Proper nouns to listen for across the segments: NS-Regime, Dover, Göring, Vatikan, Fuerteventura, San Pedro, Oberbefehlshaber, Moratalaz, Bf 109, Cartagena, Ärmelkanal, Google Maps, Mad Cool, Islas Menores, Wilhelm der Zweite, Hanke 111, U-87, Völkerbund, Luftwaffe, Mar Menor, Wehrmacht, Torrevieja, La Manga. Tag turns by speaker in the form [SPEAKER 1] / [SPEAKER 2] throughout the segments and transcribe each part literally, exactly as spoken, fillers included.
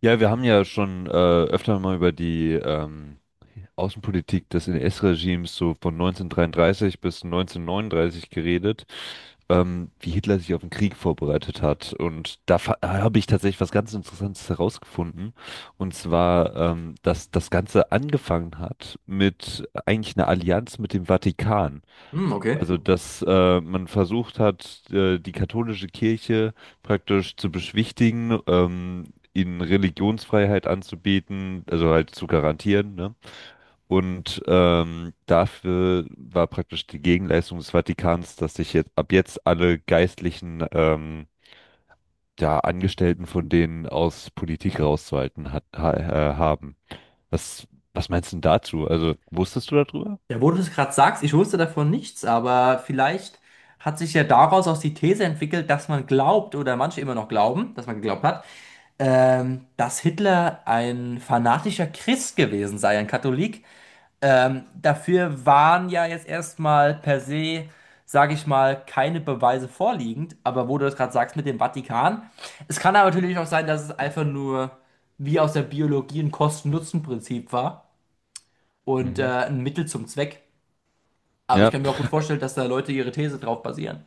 [SPEAKER 1] Ja, wir haben ja schon äh, öfter mal über die ähm, Außenpolitik des N S-Regimes so von neunzehnhundertdreiunddreißig bis neunzehnhundertneununddreißig geredet, ähm, wie Hitler sich auf den Krieg vorbereitet hat. Und da fa- da habe ich tatsächlich was ganz Interessantes herausgefunden. Und zwar, ähm, dass das Ganze angefangen hat mit eigentlich einer Allianz mit dem Vatikan.
[SPEAKER 2] Hm, okay.
[SPEAKER 1] Also, dass äh, man versucht hat, äh, die katholische Kirche praktisch zu beschwichtigen, ähm, ihnen Religionsfreiheit anzubieten, also halt zu garantieren, ne? Und ähm, dafür war praktisch die Gegenleistung des Vatikans, dass sich jetzt ab jetzt alle geistlichen ähm, ja, Angestellten von denen aus Politik rauszuhalten hat, ha äh, haben. Was, was meinst du denn dazu? Also, wusstest du darüber?
[SPEAKER 2] Ja, wo du das gerade sagst, ich wusste davon nichts, aber vielleicht hat sich ja daraus auch die These entwickelt, dass man glaubt, oder manche immer noch glauben, dass man geglaubt hat, ähm, dass Hitler ein fanatischer Christ gewesen sei, ein Katholik. Ähm, dafür waren ja jetzt erstmal per se, sage ich mal, keine Beweise vorliegend. Aber wo du das gerade sagst mit dem Vatikan, es kann aber natürlich auch sein, dass es einfach nur wie aus der Biologie ein Kosten-Nutzen-Prinzip war und äh,
[SPEAKER 1] Mhm.
[SPEAKER 2] ein Mittel zum Zweck. Aber ich
[SPEAKER 1] Ja.
[SPEAKER 2] kann mir auch gut vorstellen, dass da Leute ihre These drauf basieren.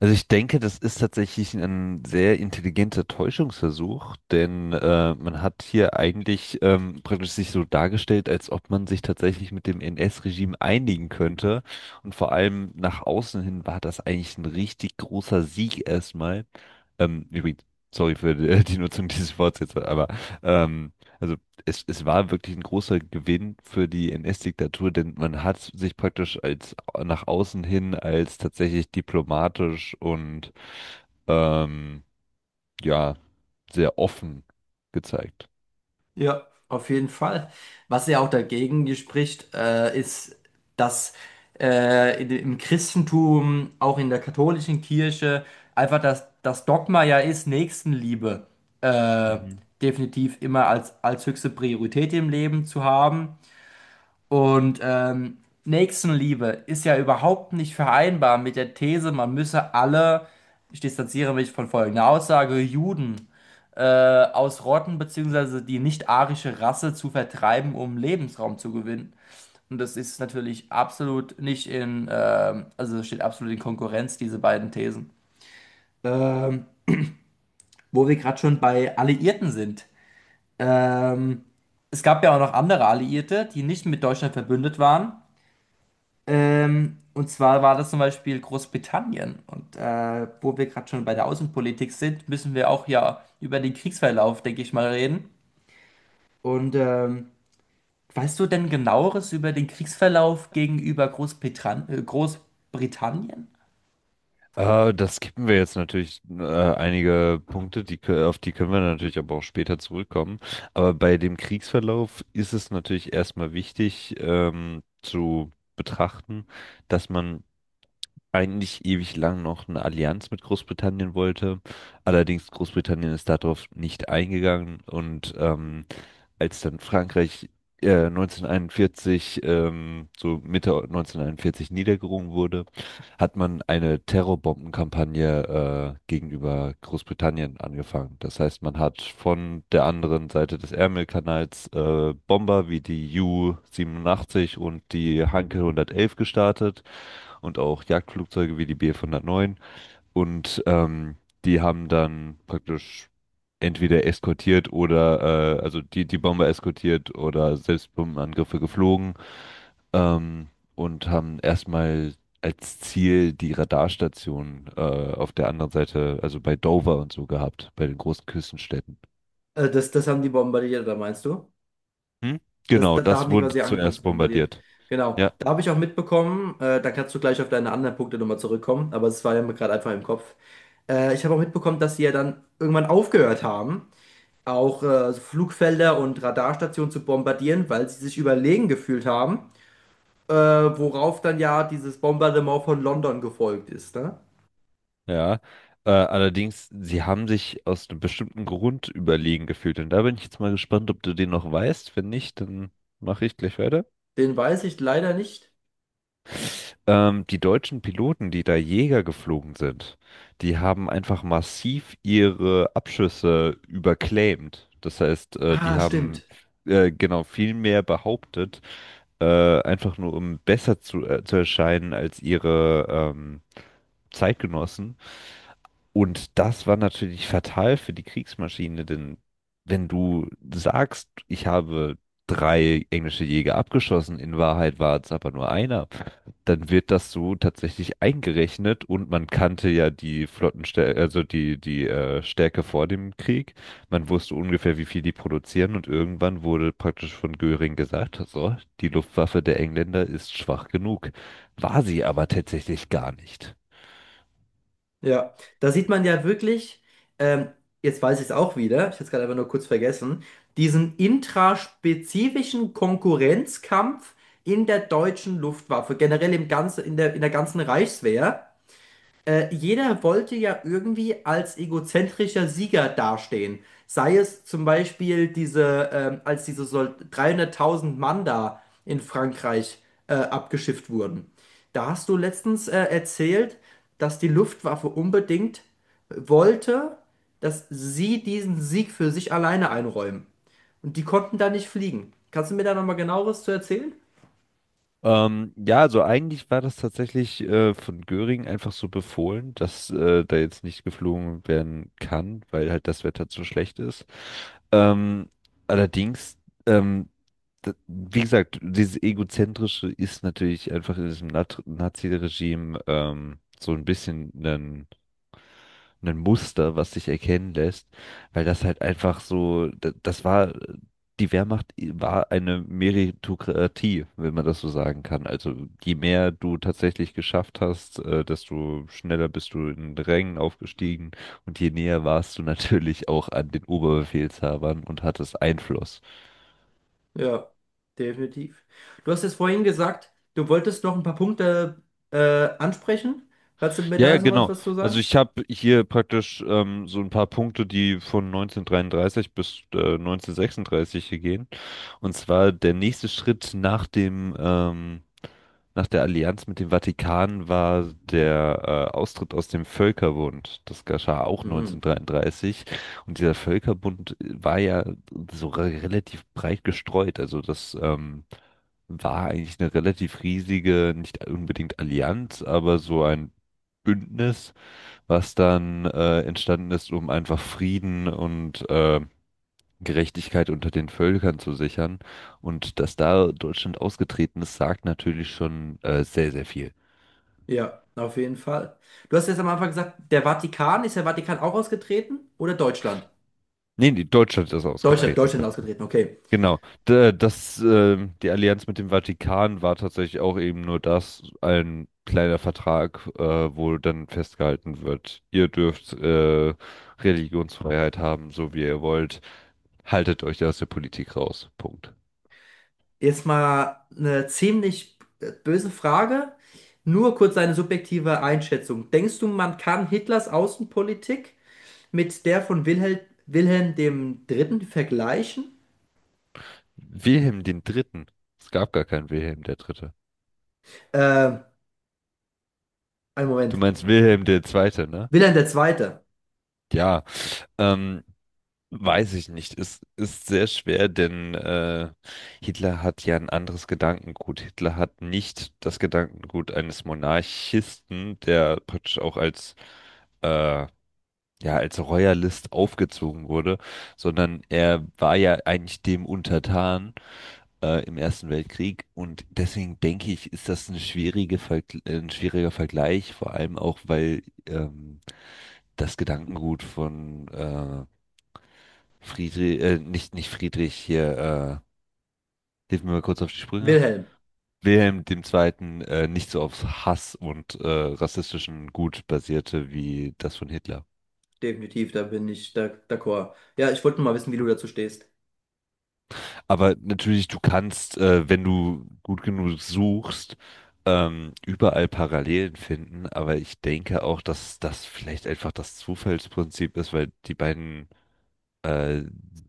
[SPEAKER 1] Also ich denke, das ist tatsächlich ein sehr intelligenter Täuschungsversuch, denn äh, man hat hier eigentlich ähm, praktisch sich so dargestellt, als ob man sich tatsächlich mit dem N S-Regime einigen könnte. Und vor allem nach außen hin war das eigentlich ein richtig großer Sieg erstmal. Ähm, übrigens, sorry für die, die Nutzung dieses Wortes jetzt, aber ähm, also es, es war wirklich ein großer Gewinn für die N S-Diktatur, denn man hat sich praktisch als nach außen hin als tatsächlich diplomatisch und ähm, ja sehr offen gezeigt.
[SPEAKER 2] Ja, auf jeden Fall. Was ja auch dagegen spricht, äh, ist, dass äh, in- im Christentum, auch in der katholischen Kirche, einfach das, das Dogma ja ist, Nächstenliebe äh,
[SPEAKER 1] Mhm.
[SPEAKER 2] definitiv immer als, als höchste Priorität im Leben zu haben. Und ähm, Nächstenliebe ist ja überhaupt nicht vereinbar mit der These, man müsse alle, ich distanziere mich von folgender Aussage, Juden äh, ausrotten, beziehungsweise die nicht-arische Rasse zu vertreiben, um Lebensraum zu gewinnen. Und das ist natürlich absolut nicht in, ähm, also es steht absolut in Konkurrenz, diese beiden Thesen. Ähm, Wo wir gerade schon bei Alliierten sind. Ähm, Es gab ja auch noch andere Alliierte, die nicht mit Deutschland verbündet waren. Ähm, und zwar war das zum Beispiel Großbritannien. Und äh, wo wir gerade schon bei der Außenpolitik sind, müssen wir auch ja über den Kriegsverlauf, denke ich mal, reden. Und ähm, weißt du denn genaueres über den Kriegsverlauf gegenüber Großbritannien? Äh, Großbritannien?
[SPEAKER 1] Äh, das skippen wir jetzt natürlich äh, einige Punkte, die, kö- auf die können wir natürlich aber auch später zurückkommen. Aber bei dem Kriegsverlauf ist es natürlich erstmal wichtig ähm, zu betrachten, dass man eigentlich ewig lang noch eine Allianz mit Großbritannien wollte. Allerdings Großbritannien ist darauf nicht eingegangen und ähm, als dann Frankreich äh, neunzehnhunderteinundvierzig, ähm, so Mitte neunzehnhunderteinundvierzig niedergerungen wurde, hat man eine Terrorbombenkampagne äh, gegenüber Großbritannien angefangen. Das heißt, man hat von der anderen Seite des Ärmelkanals äh, Bomber wie die U siebenundachtzig und die Hanke hundertelf gestartet und auch Jagdflugzeuge wie die Bf hundertneun. Und ähm, die haben dann praktisch entweder eskortiert oder, äh, also die, die Bomber eskortiert oder selbst Bombenangriffe geflogen, ähm, und haben erstmal als Ziel die Radarstation äh, auf der anderen Seite, also bei Dover und so gehabt, bei den großen Küstenstädten.
[SPEAKER 2] Äh, das, das haben die bombardiert, da meinst du?
[SPEAKER 1] Hm?
[SPEAKER 2] Das,
[SPEAKER 1] Genau,
[SPEAKER 2] da, da
[SPEAKER 1] das
[SPEAKER 2] haben die
[SPEAKER 1] wurde
[SPEAKER 2] quasi angefangen
[SPEAKER 1] zuerst
[SPEAKER 2] zu bombardieren.
[SPEAKER 1] bombardiert.
[SPEAKER 2] Genau.
[SPEAKER 1] Ja.
[SPEAKER 2] Da habe ich auch mitbekommen, äh, da kannst du gleich auf deine anderen Punkte nochmal zurückkommen, aber es war ja mir gerade einfach im Kopf. Äh, ich habe auch mitbekommen, dass sie ja dann irgendwann aufgehört haben, auch äh, also Flugfelder und Radarstationen zu bombardieren, weil sie sich überlegen gefühlt haben, äh, worauf dann ja dieses Bombardement von London gefolgt ist. Ne?
[SPEAKER 1] Ja, äh, allerdings, sie haben sich aus einem bestimmten Grund überlegen gefühlt. Und da bin ich jetzt mal gespannt, ob du den noch weißt. Wenn nicht, dann mache ich gleich weiter.
[SPEAKER 2] Den weiß ich leider nicht.
[SPEAKER 1] Ähm, die deutschen Piloten, die da Jäger geflogen sind, die haben einfach massiv ihre Abschüsse überclaimed. Das heißt, äh, die
[SPEAKER 2] Ah,
[SPEAKER 1] haben
[SPEAKER 2] stimmt.
[SPEAKER 1] äh, genau viel mehr behauptet, äh, einfach nur um besser zu, äh, zu erscheinen als ihre ähm, Zeitgenossen. Und das war natürlich fatal für die Kriegsmaschine, denn wenn du sagst, ich habe drei englische Jäger abgeschossen, in Wahrheit war es aber nur einer. Dann wird das so tatsächlich eingerechnet und man kannte ja die Flottenstärke, also die, die äh, Stärke vor dem Krieg. Man wusste ungefähr, wie viel die produzieren, und irgendwann wurde praktisch von Göring gesagt, so, die Luftwaffe der Engländer ist schwach genug. War sie aber tatsächlich gar nicht.
[SPEAKER 2] Ja, da sieht man ja wirklich, ähm, jetzt weiß ich es auch wieder, ich hätte es gerade einfach nur kurz vergessen, diesen intraspezifischen Konkurrenzkampf in der deutschen Luftwaffe, generell im ganzen, in der, in der ganzen Reichswehr. Äh, jeder wollte ja irgendwie als egozentrischer Sieger dastehen. Sei es zum Beispiel diese, ähm, als diese Sol dreihunderttausend Mann da in Frankreich äh, abgeschifft wurden. Da hast du letztens äh, erzählt, dass die Luftwaffe unbedingt wollte, dass sie diesen Sieg für sich alleine einräumen. Und die konnten da nicht fliegen. Kannst du mir da nochmal genaueres zu erzählen?
[SPEAKER 1] Ähm, ja, also eigentlich war das tatsächlich äh, von Göring einfach so befohlen, dass äh, da jetzt nicht geflogen werden kann, weil halt das Wetter zu schlecht ist. Ähm, Allerdings, ähm, d- wie gesagt, dieses Egozentrische ist natürlich einfach in diesem Nat- Nazi-Regime ähm, so ein bisschen ein Muster, was sich erkennen lässt, weil das halt einfach so, da- das war, die Wehrmacht war eine Meritokratie, wenn man das so sagen kann. Also je mehr du tatsächlich geschafft hast, äh, desto schneller bist du in den Rängen aufgestiegen und je näher warst du natürlich auch an den Oberbefehlshabern und hattest Einfluss.
[SPEAKER 2] Ja, definitiv. Du hast es vorhin gesagt, du wolltest noch ein paar Punkte äh, ansprechen. Kannst du mir
[SPEAKER 1] Ja,
[SPEAKER 2] da
[SPEAKER 1] ja,
[SPEAKER 2] jetzt noch was,
[SPEAKER 1] genau.
[SPEAKER 2] was zu
[SPEAKER 1] Also
[SPEAKER 2] sagen?
[SPEAKER 1] ich habe hier praktisch ähm, so ein paar Punkte, die von neunzehnhundertdreiunddreißig bis äh, neunzehnhundertsechsunddreißig hier gehen. Und zwar der nächste Schritt nach dem, ähm, nach der Allianz mit dem Vatikan war der äh, Austritt aus dem Völkerbund. Das geschah auch
[SPEAKER 2] Mhm.
[SPEAKER 1] neunzehnhundertdreiunddreißig. Und dieser Völkerbund äh, war ja so re- relativ breit gestreut. Also das ähm, war eigentlich eine relativ riesige, nicht unbedingt Allianz, aber so ein Bündnis, was dann äh, entstanden ist, um einfach Frieden und äh, Gerechtigkeit unter den Völkern zu sichern. Und dass da Deutschland ausgetreten ist, sagt natürlich schon äh, sehr, sehr viel.
[SPEAKER 2] Ja, auf jeden Fall. Du hast jetzt am Anfang gesagt, der Vatikan, ist der Vatikan auch ausgetreten oder Deutschland?
[SPEAKER 1] Nee, nee, Deutschland ist
[SPEAKER 2] Deutschland,
[SPEAKER 1] ausgetreten.
[SPEAKER 2] Deutschland ausgetreten, okay.
[SPEAKER 1] Genau. D- Das, äh, die Allianz mit dem Vatikan war tatsächlich auch eben nur das, ein kleiner Vertrag, äh, wo dann festgehalten wird, ihr dürft äh, Religionsfreiheit haben, so wie ihr wollt. Haltet euch aus der Politik raus. Punkt.
[SPEAKER 2] Jetzt mal eine ziemlich äh, böse Frage. Nur kurz deine subjektive Einschätzung. Denkst du, man kann Hitlers Außenpolitik mit der von Wilhelm, Wilhelm dem Dritten vergleichen?
[SPEAKER 1] Wilhelm den Dritten. Es gab gar keinen Wilhelm der Dritte.
[SPEAKER 2] Ähm, Einen
[SPEAKER 1] Du
[SPEAKER 2] Moment.
[SPEAKER 1] meinst Wilhelm der Zweite, ne?
[SPEAKER 2] Wilhelm der Zweite.
[SPEAKER 1] Ja, ähm, weiß ich nicht. Es ist sehr schwer, denn äh, Hitler hat ja ein anderes Gedankengut. Hitler hat nicht das Gedankengut eines Monarchisten, der praktisch auch als äh, ja als Royalist aufgezogen wurde, sondern er war ja eigentlich dem untertan äh, im Ersten Weltkrieg, und deswegen denke ich, ist das eine schwierige Vergl- äh, ein schwieriger Vergleich, vor allem auch, weil ähm, das Gedankengut von äh, Friedrich, äh, nicht, nicht Friedrich hier, äh, hilf mir mal kurz auf die Sprünge.
[SPEAKER 2] Wilhelm.
[SPEAKER 1] Wilhelm dem Zweiten, äh, nicht so auf Hass und äh, rassistischen Gut basierte wie das von Hitler.
[SPEAKER 2] Definitiv, da bin ich da, d'accord. Ja, ich wollte nur mal wissen, wie du dazu stehst.
[SPEAKER 1] Aber natürlich, du kannst, äh, wenn du gut genug suchst, ähm, überall Parallelen finden. Aber ich denke auch, dass das vielleicht einfach das Zufallsprinzip ist, weil die beiden äh,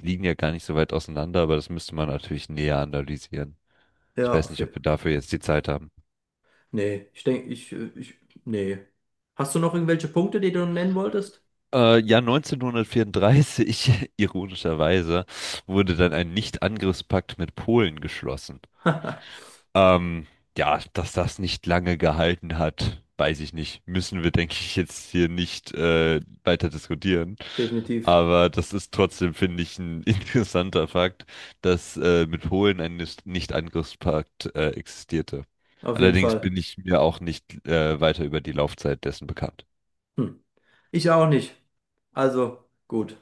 [SPEAKER 1] liegen ja gar nicht so weit auseinander. Aber das müsste man natürlich näher analysieren. Ich
[SPEAKER 2] Ja,
[SPEAKER 1] weiß
[SPEAKER 2] auf,
[SPEAKER 1] nicht,
[SPEAKER 2] je-
[SPEAKER 1] ob wir dafür jetzt die Zeit haben.
[SPEAKER 2] nee, ich denke, ich, äh, ich, nee. Hast du noch irgendwelche Punkte, die du nennen wolltest?
[SPEAKER 1] Äh, ja, neunzehnhundertvierunddreißig, ironischerweise, wurde dann ein Nicht-Angriffspakt mit Polen geschlossen. Ähm, ja, dass das nicht lange gehalten hat, weiß ich nicht. Müssen wir, denke ich, jetzt hier nicht äh, weiter diskutieren.
[SPEAKER 2] Definitiv,
[SPEAKER 1] Aber das ist trotzdem, finde ich, ein interessanter Fakt, dass äh, mit Polen ein Nicht- Nicht-Angriffspakt äh, existierte.
[SPEAKER 2] auf jeden
[SPEAKER 1] Allerdings
[SPEAKER 2] Fall.
[SPEAKER 1] bin ich mir auch nicht äh, weiter über die Laufzeit dessen bekannt.
[SPEAKER 2] Hm. Ich auch nicht. Also, gut.